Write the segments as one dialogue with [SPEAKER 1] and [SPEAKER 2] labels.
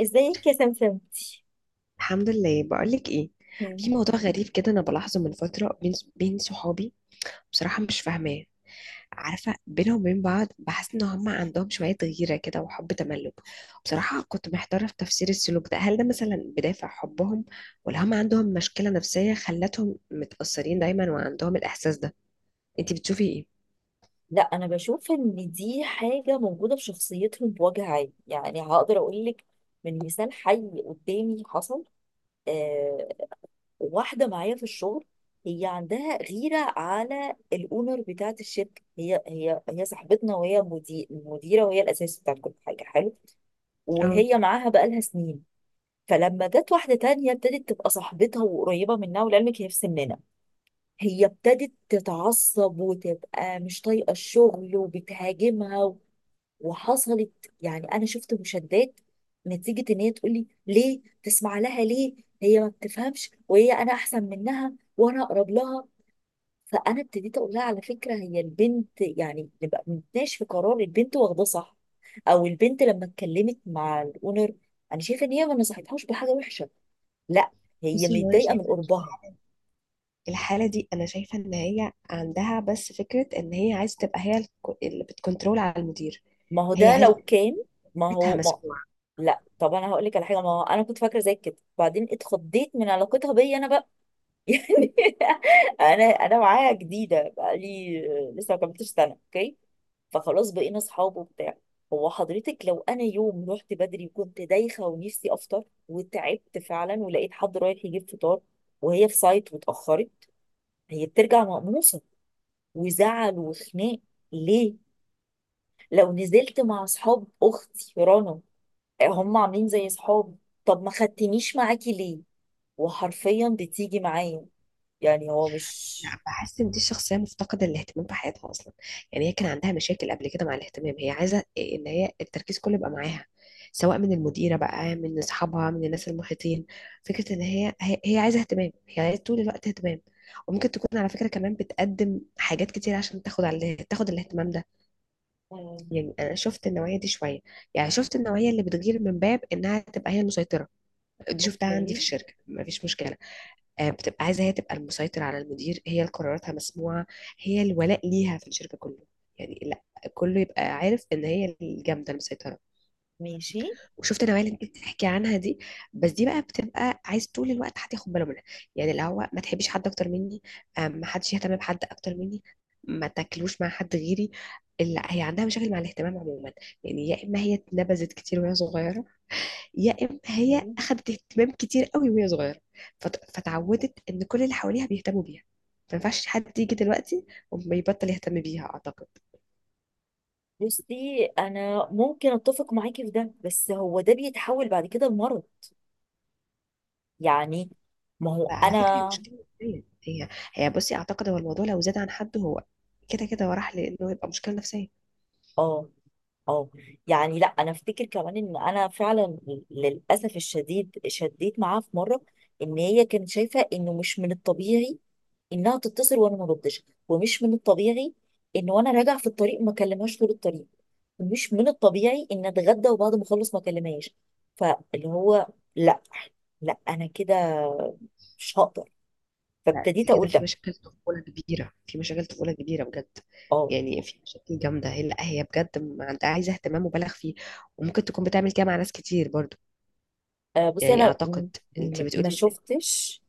[SPEAKER 1] ازيك يا سمسم؟
[SPEAKER 2] الحمد لله. بقولك ايه، في موضوع غريب كده انا بلاحظه من فتره بين صحابي. بصراحه مش فاهماه. عارفه بينهم وبين بعض بحس ان هم عندهم شويه غيره كده وحب تملك. بصراحه كنت محتاره في تفسير السلوك ده، هل ده مثلا بدافع حبهم، ولا هم عندهم مشكله نفسيه خلتهم متاثرين دايما وعندهم الاحساس ده. انتي بتشوفي ايه؟
[SPEAKER 1] لا، انا بشوف ان دي حاجه موجوده في شخصيتهم بوجه عام، يعني هقدر اقول لك من مثال حي قدامي حصل. آه. واحده معايا في الشغل. هي عندها غيره على الاونر بتاعه الشركه، هي صاحبتنا، وهي مديره، وهي الاساس بتاع كل حاجه حلو.
[SPEAKER 2] اه،
[SPEAKER 1] وهي معاها بقالها سنين. فلما جت واحده تانية ابتدت تبقى صاحبتها وقريبه منها، ولعلمك هي في سننا. هي ابتدت تتعصب وتبقى مش طايقة الشغل وبتهاجمها وحصلت. يعني أنا شفت مشادات نتيجة إن هي تقولي ليه تسمع لها، ليه هي ما بتفهمش، وهي أنا أحسن منها وأنا أقرب لها. فأنا ابتديت أقول لها على فكرة هي البنت، يعني نبقى بنتناقش في قرار البنت واخداه صح، أو البنت لما اتكلمت مع الأونر، أنا شايفة إن هي ما نصحتهاش بحاجة وحشة. لا، هي
[SPEAKER 2] بصي هو انا
[SPEAKER 1] متضايقه من
[SPEAKER 2] شايفه إن
[SPEAKER 1] قربها.
[SPEAKER 2] الحاله دي، انا شايفه ان هي عندها بس فكره ان هي عايزه تبقى هي اللي بتكنترول على المدير.
[SPEAKER 1] ما هو
[SPEAKER 2] هي
[SPEAKER 1] ده لو
[SPEAKER 2] عايزه
[SPEAKER 1] كان، ما
[SPEAKER 2] بيتها
[SPEAKER 1] هو ما،
[SPEAKER 2] مسموع.
[SPEAKER 1] لا طب انا هقول لك على حاجه، ما هو انا كنت فاكره زي كده، وبعدين اتخضيت من علاقتها بيا انا بقى. يعني انا معاها جديده بقى، لي لسه ما كملتش سنه، اوكي. فخلاص بقينا اصحاب وبتاع. هو حضرتك لو انا يوم رحت بدري وكنت دايخه ونفسي افطر وتعبت فعلا، ولقيت حد رايح يجيب فطار، وهي في سايت واتاخرت، هي بترجع مقموصه وزعل وخناق، ليه؟ لو نزلت مع اصحاب اختي رنا هم عاملين زي صحاب، طب ما خدتنيش معاكي ليه؟ وحرفيا بتيجي معايا. يعني هو مش.
[SPEAKER 2] لا، بحس ان دي الشخصيه مفتقده الاهتمام في حياتها اصلا. يعني هي كان عندها مشاكل قبل كده مع الاهتمام، هي عايزه ان هي التركيز كله يبقى معاها، سواء من المديره بقى، من اصحابها، من الناس المحيطين. فكره ان هي هي عايزه اهتمام، هي عايزه طول الوقت اهتمام. وممكن تكون على فكره كمان بتقدم حاجات كتير عشان تاخد الاهتمام ده.
[SPEAKER 1] مم.
[SPEAKER 2] يعني انا شفت النوعيه دي شويه. يعني شفت النوعيه اللي بتغير من باب انها تبقى هي المسيطره. دي شفتها عندي
[SPEAKER 1] اوكي.
[SPEAKER 2] في الشركه، مفيش مشكله. آه، بتبقى عايزة هي تبقى المسيطر على المدير، هي اللي قراراتها مسموعة، هي الولاء ليها في الشركة كله. يعني لا، كله يبقى عارف ان هي الجامدة المسيطرة.
[SPEAKER 1] ماشي.
[SPEAKER 2] وشفت النوعية اللي انت بتحكي عنها دي، بس دي بقى بتبقى عايز طول الوقت حد ياخد باله منها. يعني اللي هو ما تحبيش حد اكتر مني، آه، ما حدش يهتم بحد اكتر مني، ما تاكلوش مع حد غيري. لا، هي عندها مشاكل مع الاهتمام عموما. يعني يا اما هي اتنبذت كتير وهي صغيرة، يا اما هي
[SPEAKER 1] اوكي.
[SPEAKER 2] اخذت اهتمام كتير قوي وهي صغيره. فتعودت ان كل اللي حواليها بيهتموا بيها، ما ينفعش حد يجي دلوقتي وما يبطل يهتم بيها اعتقد.
[SPEAKER 1] بصي انا ممكن اتفق معاكي في ده، بس هو ده بيتحول بعد كده لمرض. يعني. ما هو
[SPEAKER 2] على
[SPEAKER 1] انا.
[SPEAKER 2] فكره هي مشكله نفسيه هي. هي بصي اعتقد هو الموضوع لو زاد عن حد، هو كده كده هو راح لانه يبقى مشكله نفسيه.
[SPEAKER 1] اه، اه. يعني لا، انا افتكر كمان ان انا فعلا للاسف الشديد شديت معاها في مره، ان هي كانت شايفه انه مش من الطبيعي انها تتصل وانا ما ردش، ومش من الطبيعي ان وانا راجعه في الطريق ما اكلمهاش طول الطريق، ومش من الطبيعي ان اتغدى وبعد ما اخلص ما اكلمهاش، فاللي هو لا، لا انا كده مش هقدر،
[SPEAKER 2] لا دي
[SPEAKER 1] فابتديت
[SPEAKER 2] كده
[SPEAKER 1] اقول
[SPEAKER 2] في
[SPEAKER 1] لا.
[SPEAKER 2] مشاكل طفوله كبيره، في مشاكل طفوله كبيره بجد.
[SPEAKER 1] اه.
[SPEAKER 2] يعني في مشاكل جامده هي، لا هي بجد ما عندها، عايزه اهتمام مبالغ فيه، وممكن تكون بتعمل كده مع ناس كتير برضو.
[SPEAKER 1] بصي
[SPEAKER 2] يعني
[SPEAKER 1] انا
[SPEAKER 2] اعتقد، انت
[SPEAKER 1] ما
[SPEAKER 2] بتقولي،
[SPEAKER 1] شفتش.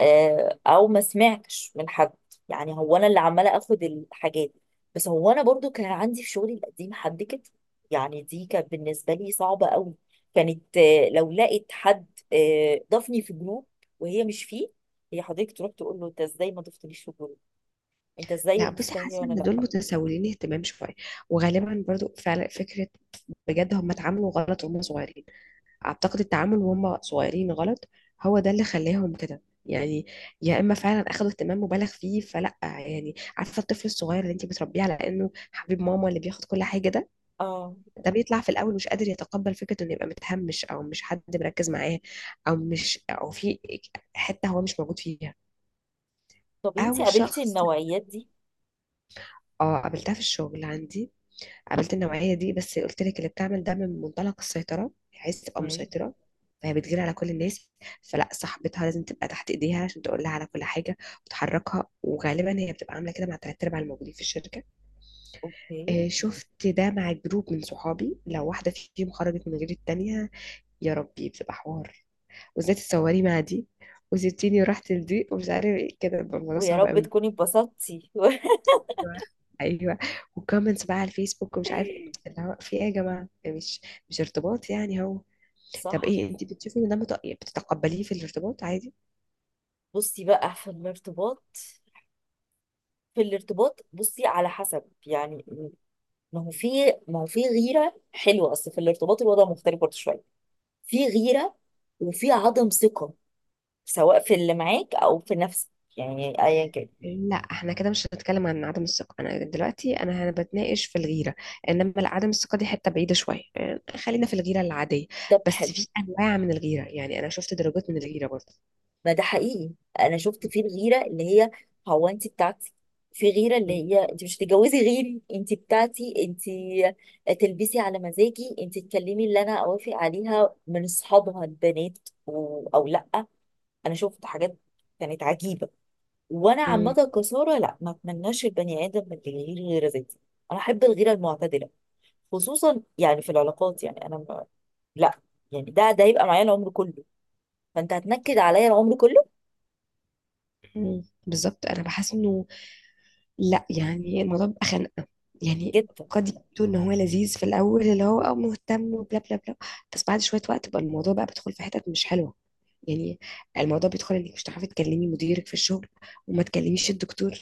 [SPEAKER 1] او ما سمعتش من حد. يعني هو انا اللي عماله اخد الحاجات، بس هو انا برضو كان عندي في شغلي القديم حد كده. يعني دي كانت بالنسبه لي صعبه قوي. كانت لو لقيت حد ضافني في جروب وهي مش فيه، هي حضرتك تروح تقول له انت ازاي ما ضفتنيش في جروب، انت ازاي
[SPEAKER 2] لا بصي
[SPEAKER 1] ضفتها هي
[SPEAKER 2] حاسه
[SPEAKER 1] وانا
[SPEAKER 2] ان دول
[SPEAKER 1] لا.
[SPEAKER 2] متسولين اهتمام شويه، وغالبا برضو فعلا فكره، بجد هم اتعاملوا غلط وهم صغيرين. اعتقد التعامل وهم صغيرين غلط، هو ده اللي خلاهم كده يعني. يا اما فعلا اخذوا اهتمام مبالغ فيه، فلا يعني، عارفه الطفل الصغير اللي انت بتربيه على انه حبيب ماما اللي بياخد كل حاجه ده،
[SPEAKER 1] اه،
[SPEAKER 2] ده بيطلع في الاول مش قادر يتقبل فكره انه يبقى متهمش، او مش حد مركز معاه، او مش، او في حته هو مش موجود فيها.
[SPEAKER 1] طب انت
[SPEAKER 2] او
[SPEAKER 1] قابلتي
[SPEAKER 2] شخص،
[SPEAKER 1] النوعيات دي؟
[SPEAKER 2] اه قابلتها في الشغل عندي. قابلت النوعية دي بس قلت لك اللي بتعمل ده من منطلق السيطرة، هي عايزة تبقى
[SPEAKER 1] مم.
[SPEAKER 2] مسيطرة. فهي بتجري على كل الناس، فلا صاحبتها لازم تبقى تحت ايديها عشان تقول لها على كل حاجة وتحركها. وغالبا هي بتبقى عاملة كده مع تلات ارباع الموجودين في الشركة.
[SPEAKER 1] اوكي.
[SPEAKER 2] آه، شفت ده مع جروب من صحابي، لو واحدة فيهم خرجت من غير التانية، يا ربي بتبقى حوار. وازاي تتصوري مع دي وسبتيني ورحت لدي ومش عارف ايه، كده بيبقى الموضوع
[SPEAKER 1] ويا
[SPEAKER 2] صعب
[SPEAKER 1] رب
[SPEAKER 2] قوي.
[SPEAKER 1] تكوني اتبسطتي.
[SPEAKER 2] ايوه، ايوه. وكومنتس بقى على الفيسبوك ومش عارف ايه، اللي هو في ايه يا جماعه؟ مش، مش ارتباط، يعني هو. طب
[SPEAKER 1] صح.
[SPEAKER 2] ايه، انت بتشوفي ان ده بتتقبليه في الارتباط عادي؟
[SPEAKER 1] بصي بقى في الارتباط، في الارتباط بصي على حسب يعني، ما هو في، ما هو في غيرة حلوة، أصل في الارتباط الوضع مختلف برضه شوية. في غيرة وفي عدم ثقة، سواء في اللي معاك أو في نفسك، يعني أيا كان.
[SPEAKER 2] لا احنا كده مش هنتكلم عن عدم الثقه، انا دلوقتي انا هنا بتناقش في الغيره. انما لا، عدم الثقه دي حته بعيده شويه، يعني خلينا في الغيره العاديه.
[SPEAKER 1] طب حلو.
[SPEAKER 2] بس في انواع من الغيره، يعني انا شفت درجات من الغيره برضه.
[SPEAKER 1] ما ده حقيقي، أنا شفت في الغيرة اللي هي هو أنت بتاعتي، في غيرة اللي
[SPEAKER 2] م-
[SPEAKER 1] هي أنت مش هتتجوزي غيري، أنت بتاعتي، أنت تلبسي على مزاجي، أنت تكلمي اللي أنا أوافق عليها من أصحابها البنات، أو لأ. انا شفت حاجات كانت عجيبه. وانا
[SPEAKER 2] م-
[SPEAKER 1] عامه كساره، لا ما اتمناش البني ادم من اللي يغير غيره ذاتي. انا احب الغيره المعتدله، خصوصا يعني في العلاقات، يعني انا ما. لا، يعني ده هيبقى معايا العمر كله، فانت هتنكد عليا العمر كله.
[SPEAKER 2] م- بالظبط انا بحس انه، لا يعني الموضوع بيبقى خنقة. يعني
[SPEAKER 1] جدا.
[SPEAKER 2] قد يبدو ان هو لذيذ في الاول اللي هو اه مهتم وبلا بلا بلا، بس بعد شوية وقت بقى الموضوع بقى بيدخل في حتت مش حلوة. يعني الموضوع بيدخل انك مش هتعرفي تكلمي مديرك في الشغل، وما تكلميش الدكتور،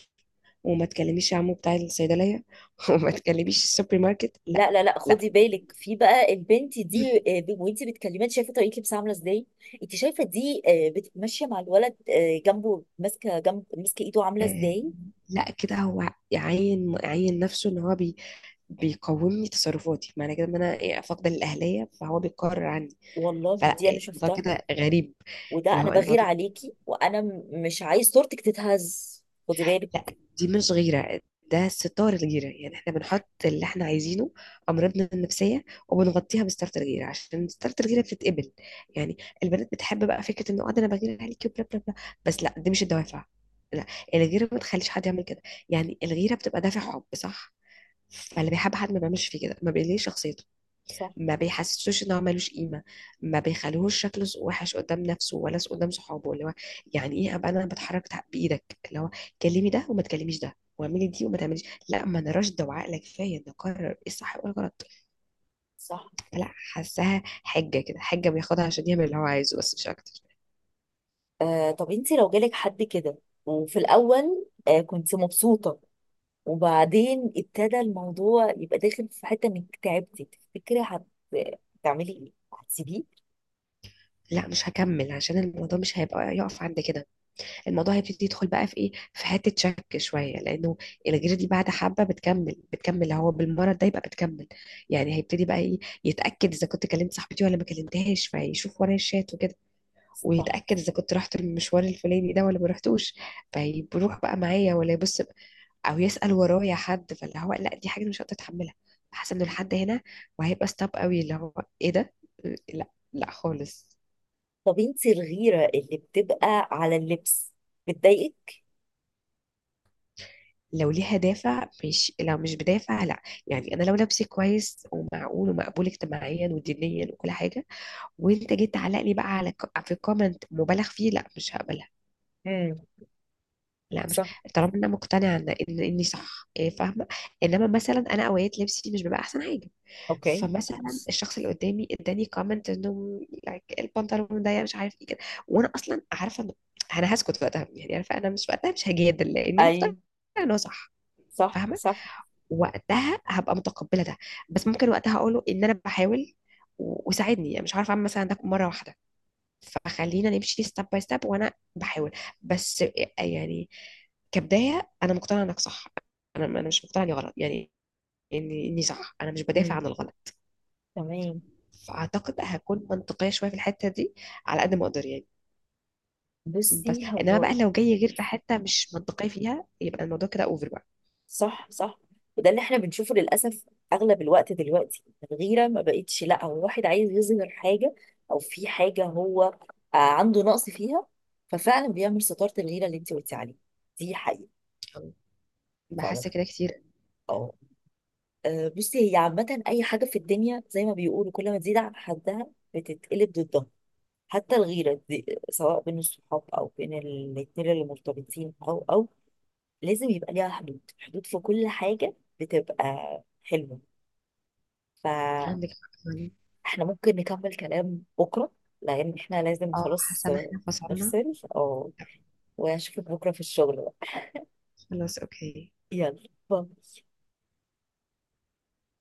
[SPEAKER 2] وما تكلميش عمو بتاع الصيدلية، وما تكلميش السوبر ماركت. لا،
[SPEAKER 1] لا لا لا،
[SPEAKER 2] لا،
[SPEAKER 1] خدي بالك في بقى البنت دي، وانت بتكلميها أنت شايفه طريقه لبسها عامله ازاي، انت شايفه دي ماشيه مع الولد، جنبه ماسكه ايده عامله
[SPEAKER 2] آه،
[SPEAKER 1] ازاي.
[SPEAKER 2] لا كده هو يعين نفسه ان هو بي بيقومني تصرفاتي، معنى كده ان انا إيه، فاقده الاهليه، فهو بيقرر عني.
[SPEAKER 1] والله دي انا
[SPEAKER 2] فالموضوع
[SPEAKER 1] شفتها،
[SPEAKER 2] كده غريب.
[SPEAKER 1] وده
[SPEAKER 2] اللي
[SPEAKER 1] انا
[SPEAKER 2] هو
[SPEAKER 1] بغير
[SPEAKER 2] الموضوع،
[SPEAKER 1] عليكي وانا مش عايز صورتك تتهز، خدي بالك.
[SPEAKER 2] لا دي مش غيرة، ده ستار الجيرة. يعني احنا بنحط اللي احنا عايزينه، أمراضنا النفسية، وبنغطيها بستارة الجيرة عشان ستارة الجيرة بتتقبل. يعني البنات بتحب بقى فكرة انه اه ده انا بغير عليكي وبلا بلا بلا. بس لا دي مش الدوافع. لا، الغيرة ما تخليش حد يعمل كده. يعني الغيرة بتبقى دافع حب صح، فاللي بيحب حد ما بيعملش فيه كده، ما بيقليش شخصيته،
[SPEAKER 1] صح،
[SPEAKER 2] ما بيحسسوش ان هو ملوش قيمه، ما بيخليهوش شكله وحش قدام نفسه، ولا قدام صحابه. اللي هو يعني ايه ابقى انا بتحرك بايدك، اللي هو كلمي ده وما تكلميش ده، واعملي دي وما تعمليش. لا ما انا راشده وعاقله كفايه ان اقرر ايه الصح وايه الغلط.
[SPEAKER 1] صح.
[SPEAKER 2] لا، حاساها حجه كده، حجه بياخدها عشان يعمل اللي هو عايزه، بس مش اكتر.
[SPEAKER 1] آه، طب انت لو جالك حد كده وفي الاول كنت مبسوطه، وبعدين ابتدى الموضوع يبقى داخل في حته انك تعبتي، تفتكري هتعملي ايه، هتسيبيه؟
[SPEAKER 2] لا مش هكمل، عشان الموضوع مش هيبقى يقف عند كده. الموضوع هيبتدي يدخل بقى في ايه، في حته شك شويه، لانه الغيره دي بعد حبه بتكمل، بتكمل هو بالمرض ده، يبقى بتكمل. يعني هيبتدي بقى ايه، يتاكد اذا كنت كلمت صاحبتي ولا ما كلمتهاش، فيشوف ورايا الشات وكده.
[SPEAKER 1] صح.
[SPEAKER 2] ويتاكد اذا كنت رحت المشوار الفلاني ده ولا ما رحتوش، فيروح بقى معايا ولا يبص، او يسال ورايا حد. فاللي هو لا، دي حاجه مش هقدر اتحملها. حاسه انه لحد هنا، وهيبقى ستاب قوي اللي هو، ايه ده؟ لا، لا خالص.
[SPEAKER 1] طب انت الغيره اللي بتبقى على اللبس بتضايقك؟
[SPEAKER 2] لو ليها دافع، مش لو مش بدافع. لا يعني انا لو لبسي كويس ومعقول ومقبول اجتماعيا ودينيا وكل حاجه، وانت جيت تعلق لي بقى على في كومنت مبالغ فيه، لا مش هقبلها.
[SPEAKER 1] امم.
[SPEAKER 2] لا مش،
[SPEAKER 1] صح.
[SPEAKER 2] طالما انا مقتنعه ان اني صح، إيه، فاهمه. انما مثلا انا اوقات لبسي مش بيبقى احسن حاجه.
[SPEAKER 1] اوكي.
[SPEAKER 2] فمثلا الشخص اللي قدامي اداني كومنت انه like البنطلون ضيق مش عارف ايه كده، وانا اصلا عارفه ان، انا هسكت وقتها، يعني عارفه انا مش وقتها مش هجادل لاني
[SPEAKER 1] اي.
[SPEAKER 2] مقتنعه انه صح.
[SPEAKER 1] صح،
[SPEAKER 2] فاهمه،
[SPEAKER 1] صح.
[SPEAKER 2] وقتها هبقى متقبله ده. بس ممكن وقتها اقوله ان انا بحاول، وساعدني، يعني مش عارفه اعمل مثلا ده مره واحده، فخلينا نمشي ستيب باي ستيب وانا بحاول. بس يعني كبدايه انا مقتنعه انك صح، انا مش مقتنعه اني غلط يعني، اني صح، انا مش بدافع
[SPEAKER 1] امم.
[SPEAKER 2] عن الغلط.
[SPEAKER 1] تمام.
[SPEAKER 2] فاعتقد هكون منطقيه شويه في الحته دي، على قد ما اقدر يعني. بس
[SPEAKER 1] بصي
[SPEAKER 2] انما
[SPEAKER 1] هو.
[SPEAKER 2] بقى لو جاي غير في حته مش منطقيه فيها، يبقى الموضوع كده اوفر بقى.
[SPEAKER 1] صح، صح، وده اللي احنا بنشوفه للأسف أغلب الوقت دلوقتي. الغيرة ما بقتش لا هو واحد عايز يظهر حاجة أو في حاجة هو عنده نقص فيها، ففعلا بيعمل ستارة الغيرة اللي انت قلتي عليها. دي حقيقة. فعلا.
[SPEAKER 2] بحس كده كتير.
[SPEAKER 1] اه. بصي هي عامة أي حاجة في الدنيا زي ما بيقولوا كل ما تزيد عن حدها بتتقلب ضدها، حتى الغيرة دي سواء بين الصحاب أو بين الاتنين اللي مرتبطين، أو لازم يبقى ليها حدود، حدود في كل حاجة بتبقى حلوة. ف
[SPEAKER 2] عندك حق يعني.
[SPEAKER 1] احنا ممكن نكمل كلام بكرة، لأن احنا لازم
[SPEAKER 2] اه،
[SPEAKER 1] خلاص
[SPEAKER 2] حاسه ان احنا فصلنا.
[SPEAKER 1] نفصل، اه. واشوفك بكرة في الشغل بقى.
[SPEAKER 2] خلاص اوكي.
[SPEAKER 1] يلا باي.